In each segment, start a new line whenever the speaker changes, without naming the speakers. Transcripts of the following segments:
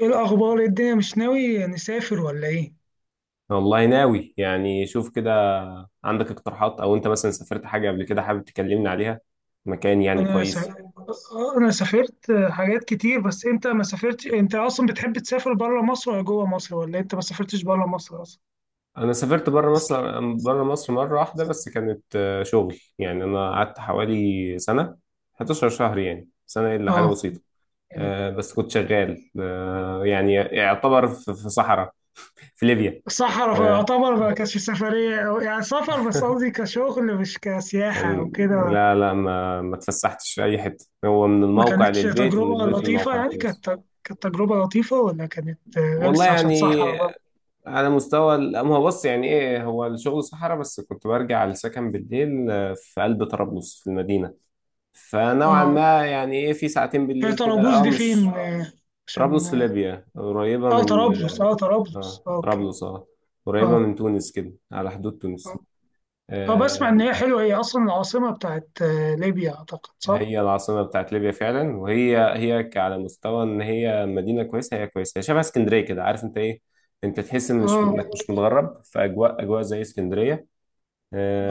ايه الاخبار؟ إيه الدنيا، مش ناوي نسافر ولا ايه؟
والله ناوي يعني شوف كده. عندك اقتراحات او انت مثلا سافرت حاجه قبل كده حابب تكلمني عليها مكان يعني
انا س...
كويس.
انا سافرت حاجات كتير، بس انت ما سافرتش. انت اصلا بتحب تسافر بره مصر ولا جوه مصر، ولا انت ما سافرتش بره مصر اصلا؟
انا سافرت بره مصر، مره واحده بس، كانت شغل، يعني انا قعدت حوالي سنه، 11 شهر، يعني سنه الا حاجه
اه.
بسيطه. بس كنت شغال، يعني يعتبر في صحراء في ليبيا.
صحراء
آه.
يعتبر ما كانتش سفريه أو يعني سفر، بس قصدي كشغل مش كسياحه او
كان
كده.
لا، ما اتفسحتش في اي حته، هو من
ما
الموقع
كانتش
للبيت ومن
تجربه
البيت
لطيفه؟
للموقع
يعني
خلاص.
كانت تجربه لطيفه ولا كانت
والله
غلسه عشان
يعني
صحراء بقى؟
على مستوى ما هو بص يعني ايه، هو الشغل صحراء، بس كنت برجع السكن بالليل، في قلب طرابلس في المدينة. فنوعا
اه.
ما يعني ايه في ساعتين
هي
بالليل كده،
طرابوس
اه
دي فين
مش
آه، عشان
طرابلس في ليبيا قريبة
اه،
من،
طرابلس. اه، طرابلس.
اه
اه، اوكي.
طرابلس اه قريبة
اه،
من تونس كده على حدود
اه،
تونس.
اه، بسمع
آه.
ان هي حلوه. هي اصلا العاصمه بتاعت ليبيا، اعتقد صح.
هي العاصمة بتاعت ليبيا فعلا، وهي على مستوى ان هي مدينة كويسة، هي كويسة، هي شبه اسكندرية كده، عارف انت ايه، انت تحس إن
اه،
انك مش متغرب في اجواء، زي اسكندرية.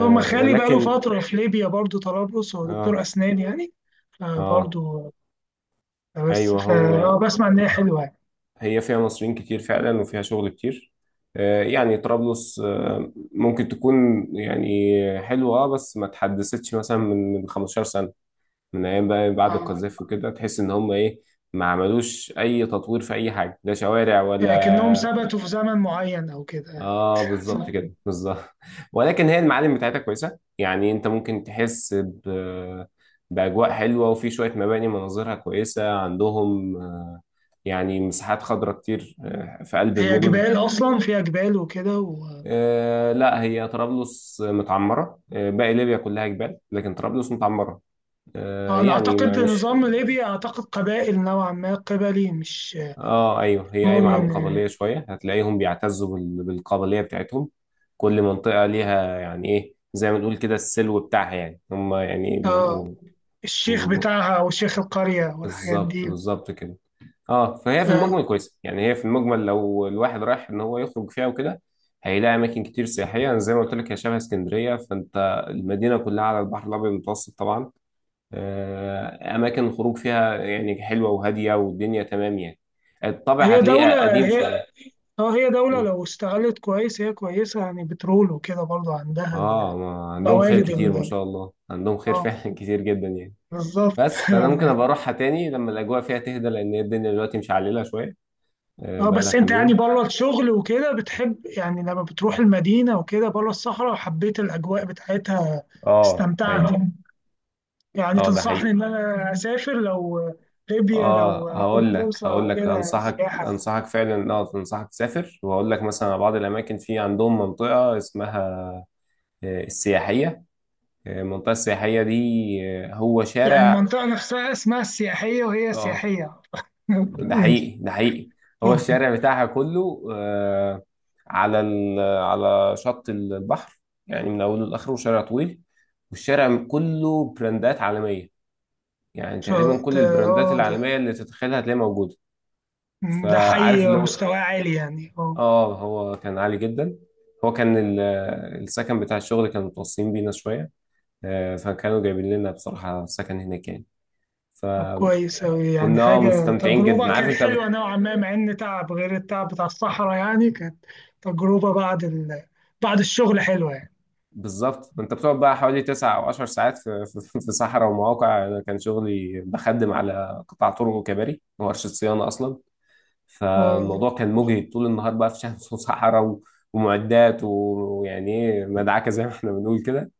اه، ما خالي بقاله
ولكن
فتره في ليبيا برضو، طرابلس، هو دكتور
اه
اسنان يعني.
اه
فبرضو بس
ايوه.
ف اه
هو
بسمع ان هي حلوه يعني.
هي فيها مصريين كتير فعلا، وفيها شغل كتير. آه، يعني طرابلس آه ممكن تكون يعني حلوه، اه بس ما اتحدثتش مثلا من 15 سنه، من ايام بقى بعد
اه،
القذافي وكده، تحس ان هم ايه، ما عملوش اي تطوير في اي حاجه، لا شوارع
لكنهم
ولا.
ثبتوا في زمن معين او كده.
اه بالظبط
صح.
كده، بالظبط ولكن هي المعالم بتاعتها كويسه، يعني انت ممكن تحس ب... باجواء حلوه، وفي شويه مباني مناظرها كويسه عندهم، يعني مساحات خضراء كتير، في قلب
هي
المدن.
جبال، اصلا فيها جبال وكده
لا، هي طرابلس متعمره، باقي ليبيا كلها جبال، لكن طرابلس متعمره،
انا
يعني ما
اعتقد
مش
نظام ليبيا، اعتقد قبائل نوعا ما، قبلي مش
اه ايوه. هي قايمه على
مدن
القبليه
يعني.
شويه، هتلاقيهم بيعتزوا بالقبليه بتاعتهم. كل منطقه ليها يعني ايه، زي ما نقول كده، السلو بتاعها، يعني هم يعني
اه،
بيبقوا-
الشيخ بتاعها او شيخ القرية والحاجات
بالظبط،
دي.
بالظبط كده. اه، فهي في المجمل
آه.
كويسه، يعني هي في المجمل لو الواحد رايح ان هو يخرج فيها وكده، هيلاقي اماكن كتير سياحيه. أنا زي ما قلت لك، هي شبه اسكندريه، فانت المدينه كلها على البحر الابيض المتوسط طبعا. اماكن الخروج فيها يعني حلوه وهاديه والدنيا تمام يعني. الطابع
هي
هتلاقيه
دولة
قديم
هي
شويه.
اه، هي دولة لو استغلت كويس هي كويسة، يعني بترول وكده برضو عندها
اه ما عندهم خير
الموارد
كتير، ما شاء الله، عندهم خير
اه،
فعلا كتير جدا يعني.
بالظبط.
بس فانا ممكن ابقى اروحها تاني لما الاجواء فيها تهدى، لان هي الدنيا دلوقتي مشعلله شويه،
اه،
بقالها
بس انت
كام
يعني
يوم.
بره الشغل وكده بتحب، يعني لما بتروح المدينة وكده بره الصحراء، وحبيت الأجواء بتاعتها؟
اه
استمتعت؟
ايوه.
يعني
اه ده
تنصحني
حقيقي.
ان انا اسافر، لو ليبيا
اه
لو
هقول
جات
لك،
فرصة وكده،
انصحك،
سياحة؟
فعلا، اه انصحك تسافر. وهقول لك مثلا على بعض الاماكن. في عندهم منطقه اسمها السياحيه، المنطقه السياحيه دي، هو
يعني
شارع.
المنطقة نفسها اسمها السياحية وهي
اه
سياحية؟
ده
ماشي.
حقيقي، ده حقيقي. هو
إن
الشارع بتاعها كله، على على شط البحر، يعني من اوله لاخره شارع طويل، والشارع كله براندات عالميه، يعني
شاء
تقريبا
الله.
كل
ده
البراندات
آه، ده
العالميه اللي تتخيلها هتلاقيها موجوده.
ده
فعارف
حي
اللي هو،
مستواه عالي يعني. اه.
اه هو كان عالي جدا. هو كان السكن بتاع الشغل كانوا متوصيين بينا شويه، فكانوا جايبين لنا بصراحه سكن هناك يعني،
طب
فكنا
كويس أوي، يعني حاجة،
مستمتعين جدا،
تجربة
عارف
كانت
انت.
حلوة نوعا ما، مع إن تعب غير التعب بتاع الصحراء، يعني كانت تجربة بعد الشغل حلوة يعني.
بالظبط، انت بتقعد بقى حوالي تسع او عشر ساعات في صحراء ومواقع، انا كان شغلي بخدم على قطاع طرق وكباري وورشه صيانه اصلا.
آه،
فالموضوع كان مجهد طول النهار بقى في شمس وصحراء و- ومعدات و- ويعني ايه مدعكه زي ما احنا بنقول كده،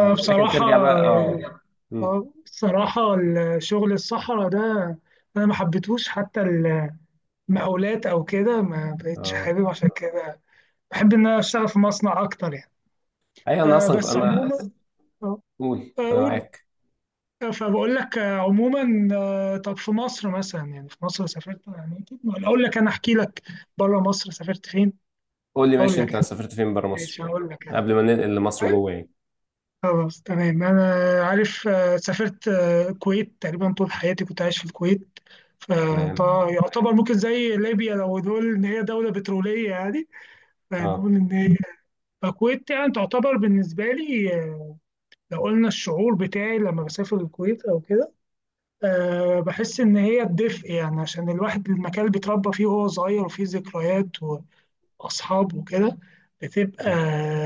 ولكن
بصراحة
ترجع بقى. اه مم.
بصراحة، الشغل الصحراء ده أنا ما حبيتهوش، حتى المقاولات أو كده ما بقتش
اه
حابب عشان كده. بحب ان انا اشتغل في مصنع اكتر يعني.
ايوه. انا اصلا ك-
بس ايوه،
انا
عموما، بس آه،
قول انا
اقول
معاك.
آه، فبقول لك، عموما. طب في مصر مثلا، يعني في مصر سافرت، يعني أكيد ولا اقول لك، انا احكي لك بره مصر سافرت فين؟
قول لي
اقول
ماشي،
لك
انت
انا
سافرت فين بره مصر،
ماشي هقول لك انا.
قبل ما ننقل لمصر جوه يعني.
خلاص، تمام. انا عارف، سافرت الكويت، تقريبا طول حياتي كنت عايش في الكويت.
تمام.
فيعتبر ممكن زي ليبيا، لو نقول ان هي دوله بتروليه يعني،
اه،
فنقول ان هي الكويت. يعني تعتبر بالنسبه لي، لو قلنا الشعور بتاعي لما بسافر الكويت او كده، أه بحس ان هي الدفء، يعني عشان الواحد المكان اللي بيتربى فيه وهو صغير، وفيه ذكريات واصحاب وكده، بتبقى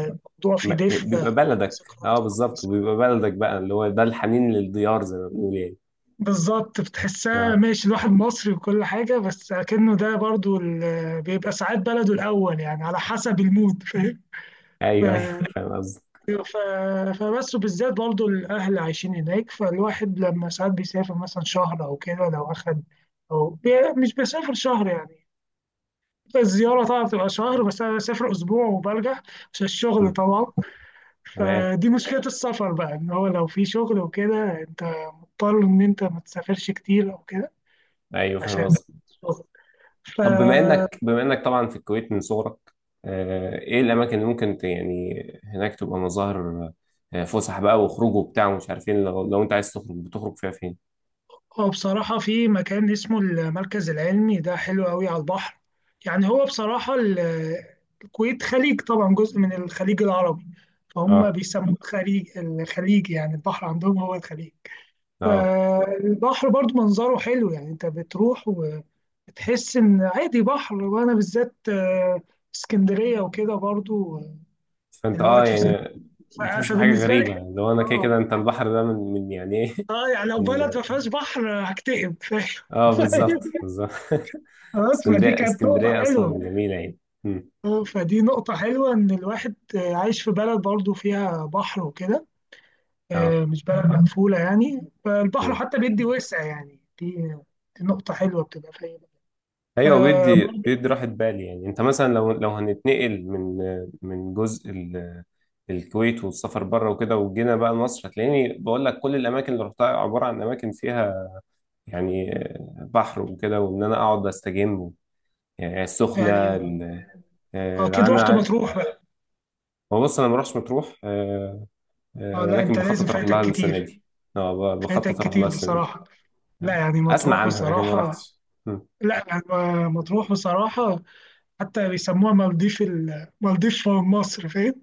الموضوع فيه
ما-
دفء، آه،
بيبقى بلدك، اه
ذكريات
بالظبط،
كويسه.
وبيبقى بلدك بقى، اللي هو ده الحنين للديار زي ما بنقول يعني.
بالظبط بتحسها،
اه
ماشي الواحد مصري وكل حاجه، بس اكنه ده برضو بيبقى ساعات بلده الاول، يعني على حسب المود، فاهم. ف-
ايوه ايوه فاهم قصدك.
أيوة، فبس. وبالذات برضو الأهل عايشين هناك، فالواحد لما ساعات بيسافر مثلا شهر أو كده، لو أخد مش بسافر شهر يعني، الزيارة طبعا بتبقى شهر، بس أنا بسافر أسبوع وبرجع عشان الشغل
مم،
طبعا.
تمام.
فدي مشكلة السفر بقى، إن هو لو في شغل وكده أنت مضطر إن أنت ما تسافرش كتير أو كده،
ايوه فاهم
عشان
قصدك.
الشغل. ف
طب بما انك، طبعا في الكويت من صغرك، آه ايه الاماكن اللي ممكن ت- يعني هناك تبقى مظاهر فسح بقى وخروج وبتاع ومش عارف ايه، لو, انت عايز تخرج بتخرج فيها فين.
هو بصراحة في مكان اسمه المركز العلمي، ده حلو قوي على البحر. يعني هو بصراحة الكويت خليج طبعا، جزء من الخليج العربي، فهم
اه
بيسموه الخليج. الخليج يعني البحر عندهم، هو الخليج.
اه
فالبحر برضو منظره حلو يعني، انت بتروح وبتحس ان عادي بحر، وانا بالذات اسكندرية وكده برضو،
فانت اه
دلوقتي في اسكندرية.
يعني بتحس
ف-
بحاجه
فبالنسبة لي
غريبه،
حلو.
لو انا كده
اه،
كده، انت البحر ده من يعني ايه.
اه، يعني لو
من
بلد ما فيهاش بحر هكتئب، فاهم.
اه بالظبط، بالظبط
خلاص، فدي
اسكندريه،
كانت نقطة
اصلا
حلوة.
جميله يعني. مم.
آه، فدي نقطة حلوة إن الواحد عايش في بلد برضه فيها بحر وكده،
اه
آه، مش بلد مقفولة يعني، فالبحر
مم.
حتى بيدي وسع يعني. دي نقطة حلوة بتبقى في أي بلد. ف
ايوه، بيدي، راحه بال يعني. انت مثلا لو هنتنقل من جزء الكويت، والسفر بره وكده، وجينا بقى مصر، هتلاقيني بقول لك كل الاماكن اللي رحتها عباره عن اماكن فيها يعني بحر وكده، وان انا اقعد استجم يعني،
يعني
السخنه
أكيد رحت
انا.
مطروح بقى؟
هو بص انا ما بروحش مطروح،
أه، لا
ولكن
أنت لازم،
بخطط اروح
فايتك
لها السنه
كتير.
دي. اه
فايتك
بخطط اروح لها
كتير
السنه دي،
بصراحة. لا يعني
اسمع
مطروح
عنها لكن ما
بصراحة.
رحتش. مم.
لا يعني مطروح بصراحة، حتى بيسموها مالديف. مالديف مصر، فاهم.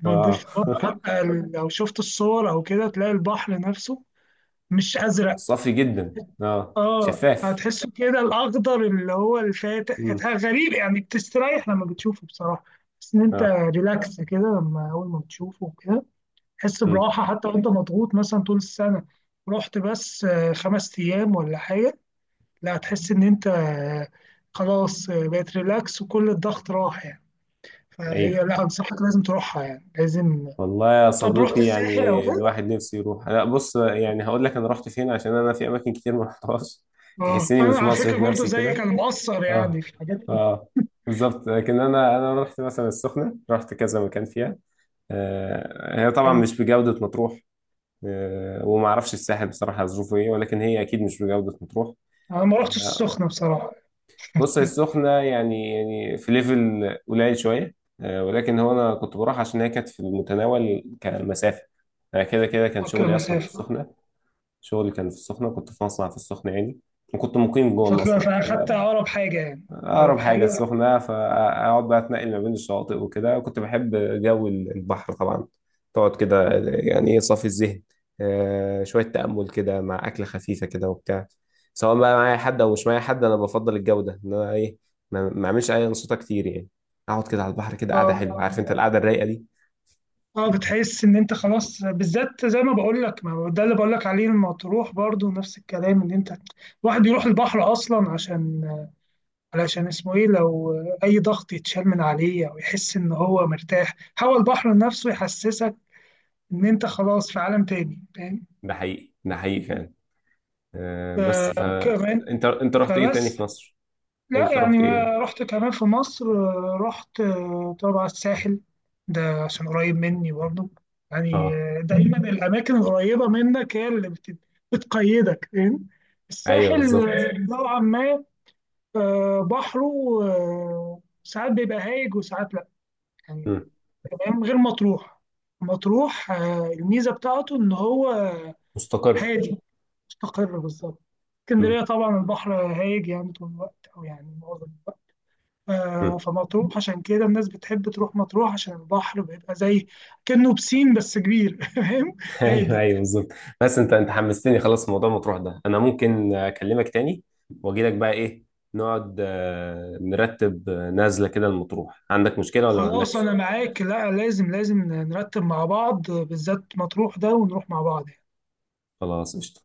مالديف
اه
مصر، حتى لو شفت الصور او كده، تلاقي البحر نفسه مش ازرق،
صافي جدا اه
اه،
شفاف.
هتحسه كده الاخضر اللي هو
مم.
الفاتح، غريب يعني، بتستريح لما بتشوفه بصراحه. بس ان انت
اه
ريلاكس كده لما اول ما بتشوفه كده، تحس
مم.
براحه حتى وانت مضغوط مثلا طول السنه. رحت بس خمس ايام ولا حاجه، لا هتحس ان انت خلاص، بقت ريلاكس وكل الضغط راح يعني. فهي
ايوه.
لا، انصحك لازم تروحها يعني، لازم.
والله يا
طب رحت
صديقي،
الساحل او
يعني
كده؟
الواحد نفسه يروح. لا بص يعني هقول لك انا رحت فين، عشان انا في اماكن كتير ما رحتهاش،
اه،
تحسني
انا
مش
على
مصري
فكره
في
برضه
نفسي
زيك،
كده.
انا مقصر يعني
اه
في حاجات كتير
اه بالظبط. لكن انا رحت مثلا السخنه، رحت كذا مكان فيها. آه هي طبعا
حلوه.
مش بجوده مطروح، آه وما اعرفش الساحل بصراحه ظروفه ايه، ولكن هي اكيد مش بجوده مطروح.
انا ما رحتش
آه.
السخنه بصراحه.
بص هي السخنة يعني، يعني في ليفل قليل شوية، ولكن هو أنا كنت بروح عشان هي كانت في المتناول كمسافة. أنا كده كده كان
فاكر
شغلي أصلا في
مسافه،
السخنة، شغلي كان في السخنة، كنت في مصنع في السخنة يعني، وكنت مقيم جوه
فاكر،
المصنع.
فاخدت اقرب حاجه يعني، اقرب
اقرب حاجه
حاجه.
السخنه، فاقعد بقى اتنقل ما بين الشواطئ وكده، كنت بحب جو البحر طبعا. تقعد كده يعني ايه صافي الذهن، شويه تامل كده مع اكله خفيفه كده وبتاع، سواء بقى معايا حد او مش معايا حد، انا بفضل الجو ده، ان انا ايه ما اعملش اي انشطه كتير يعني، اقعد كده على البحر كده، قاعده
اه،
حلوه، عارف انت القعده الرايقه دي.
اه، بتحس ان انت خلاص، بالذات زي ما بقول لك، ما هو ده اللي بقول لك عليه، لما تروح برضه نفس الكلام، ان انت الواحد يروح البحر اصلا عشان، علشان اسمه ايه، لو اي ضغط يتشال من عليه او يحس ان هو مرتاح، هو البحر نفسه يحسسك ان انت خلاص في عالم تاني، فاهم.
ده حقيقي، ده حقيقي فعلا،
آه،
بس ف
كمان.
انت رحت ايه تاني
فبس
في مصر،
لا
انت
يعني
رحت ايه.
ما رحت كمان في مصر، رحت طبعا الساحل، ده عشان قريب مني برضه يعني.
اه
آه، دايما الاماكن القريبه منك هي اللي بتقيدك، فاهم.
ايوه
الساحل
بالظبط.
آه، نوعا ما، بحره، ساعات بيبقى هايج وساعات لا يعني،
مم.
تمام غير مطروح. مطروح، الميزه بتاعته ان هو
مستقر.
هادي، مستقر بالظبط.
مم.
اسكندرية طبعا البحر هايج يعني طول الوقت أو يعني معظم الوقت، آه،
مم.
فمطروح عشان كده الناس بتحب تروح مطروح، عشان البحر بيبقى زي كأنه بسين بس كبير. فاهم.
ايوه
هادي.
ايوه بالظبط. بس انت حمستني خلاص في موضوع مطروح ده، انا ممكن اكلمك تاني واجي لك بقى ايه، نقعد نرتب، نازله كده المطروح، عندك مشكله ولا ما
خلاص
عندكش؟
أنا معاك، لا لازم، لازم نرتب مع بعض، بالذات مطروح ده، ونروح مع بعض يعني.
خلاص قشطه.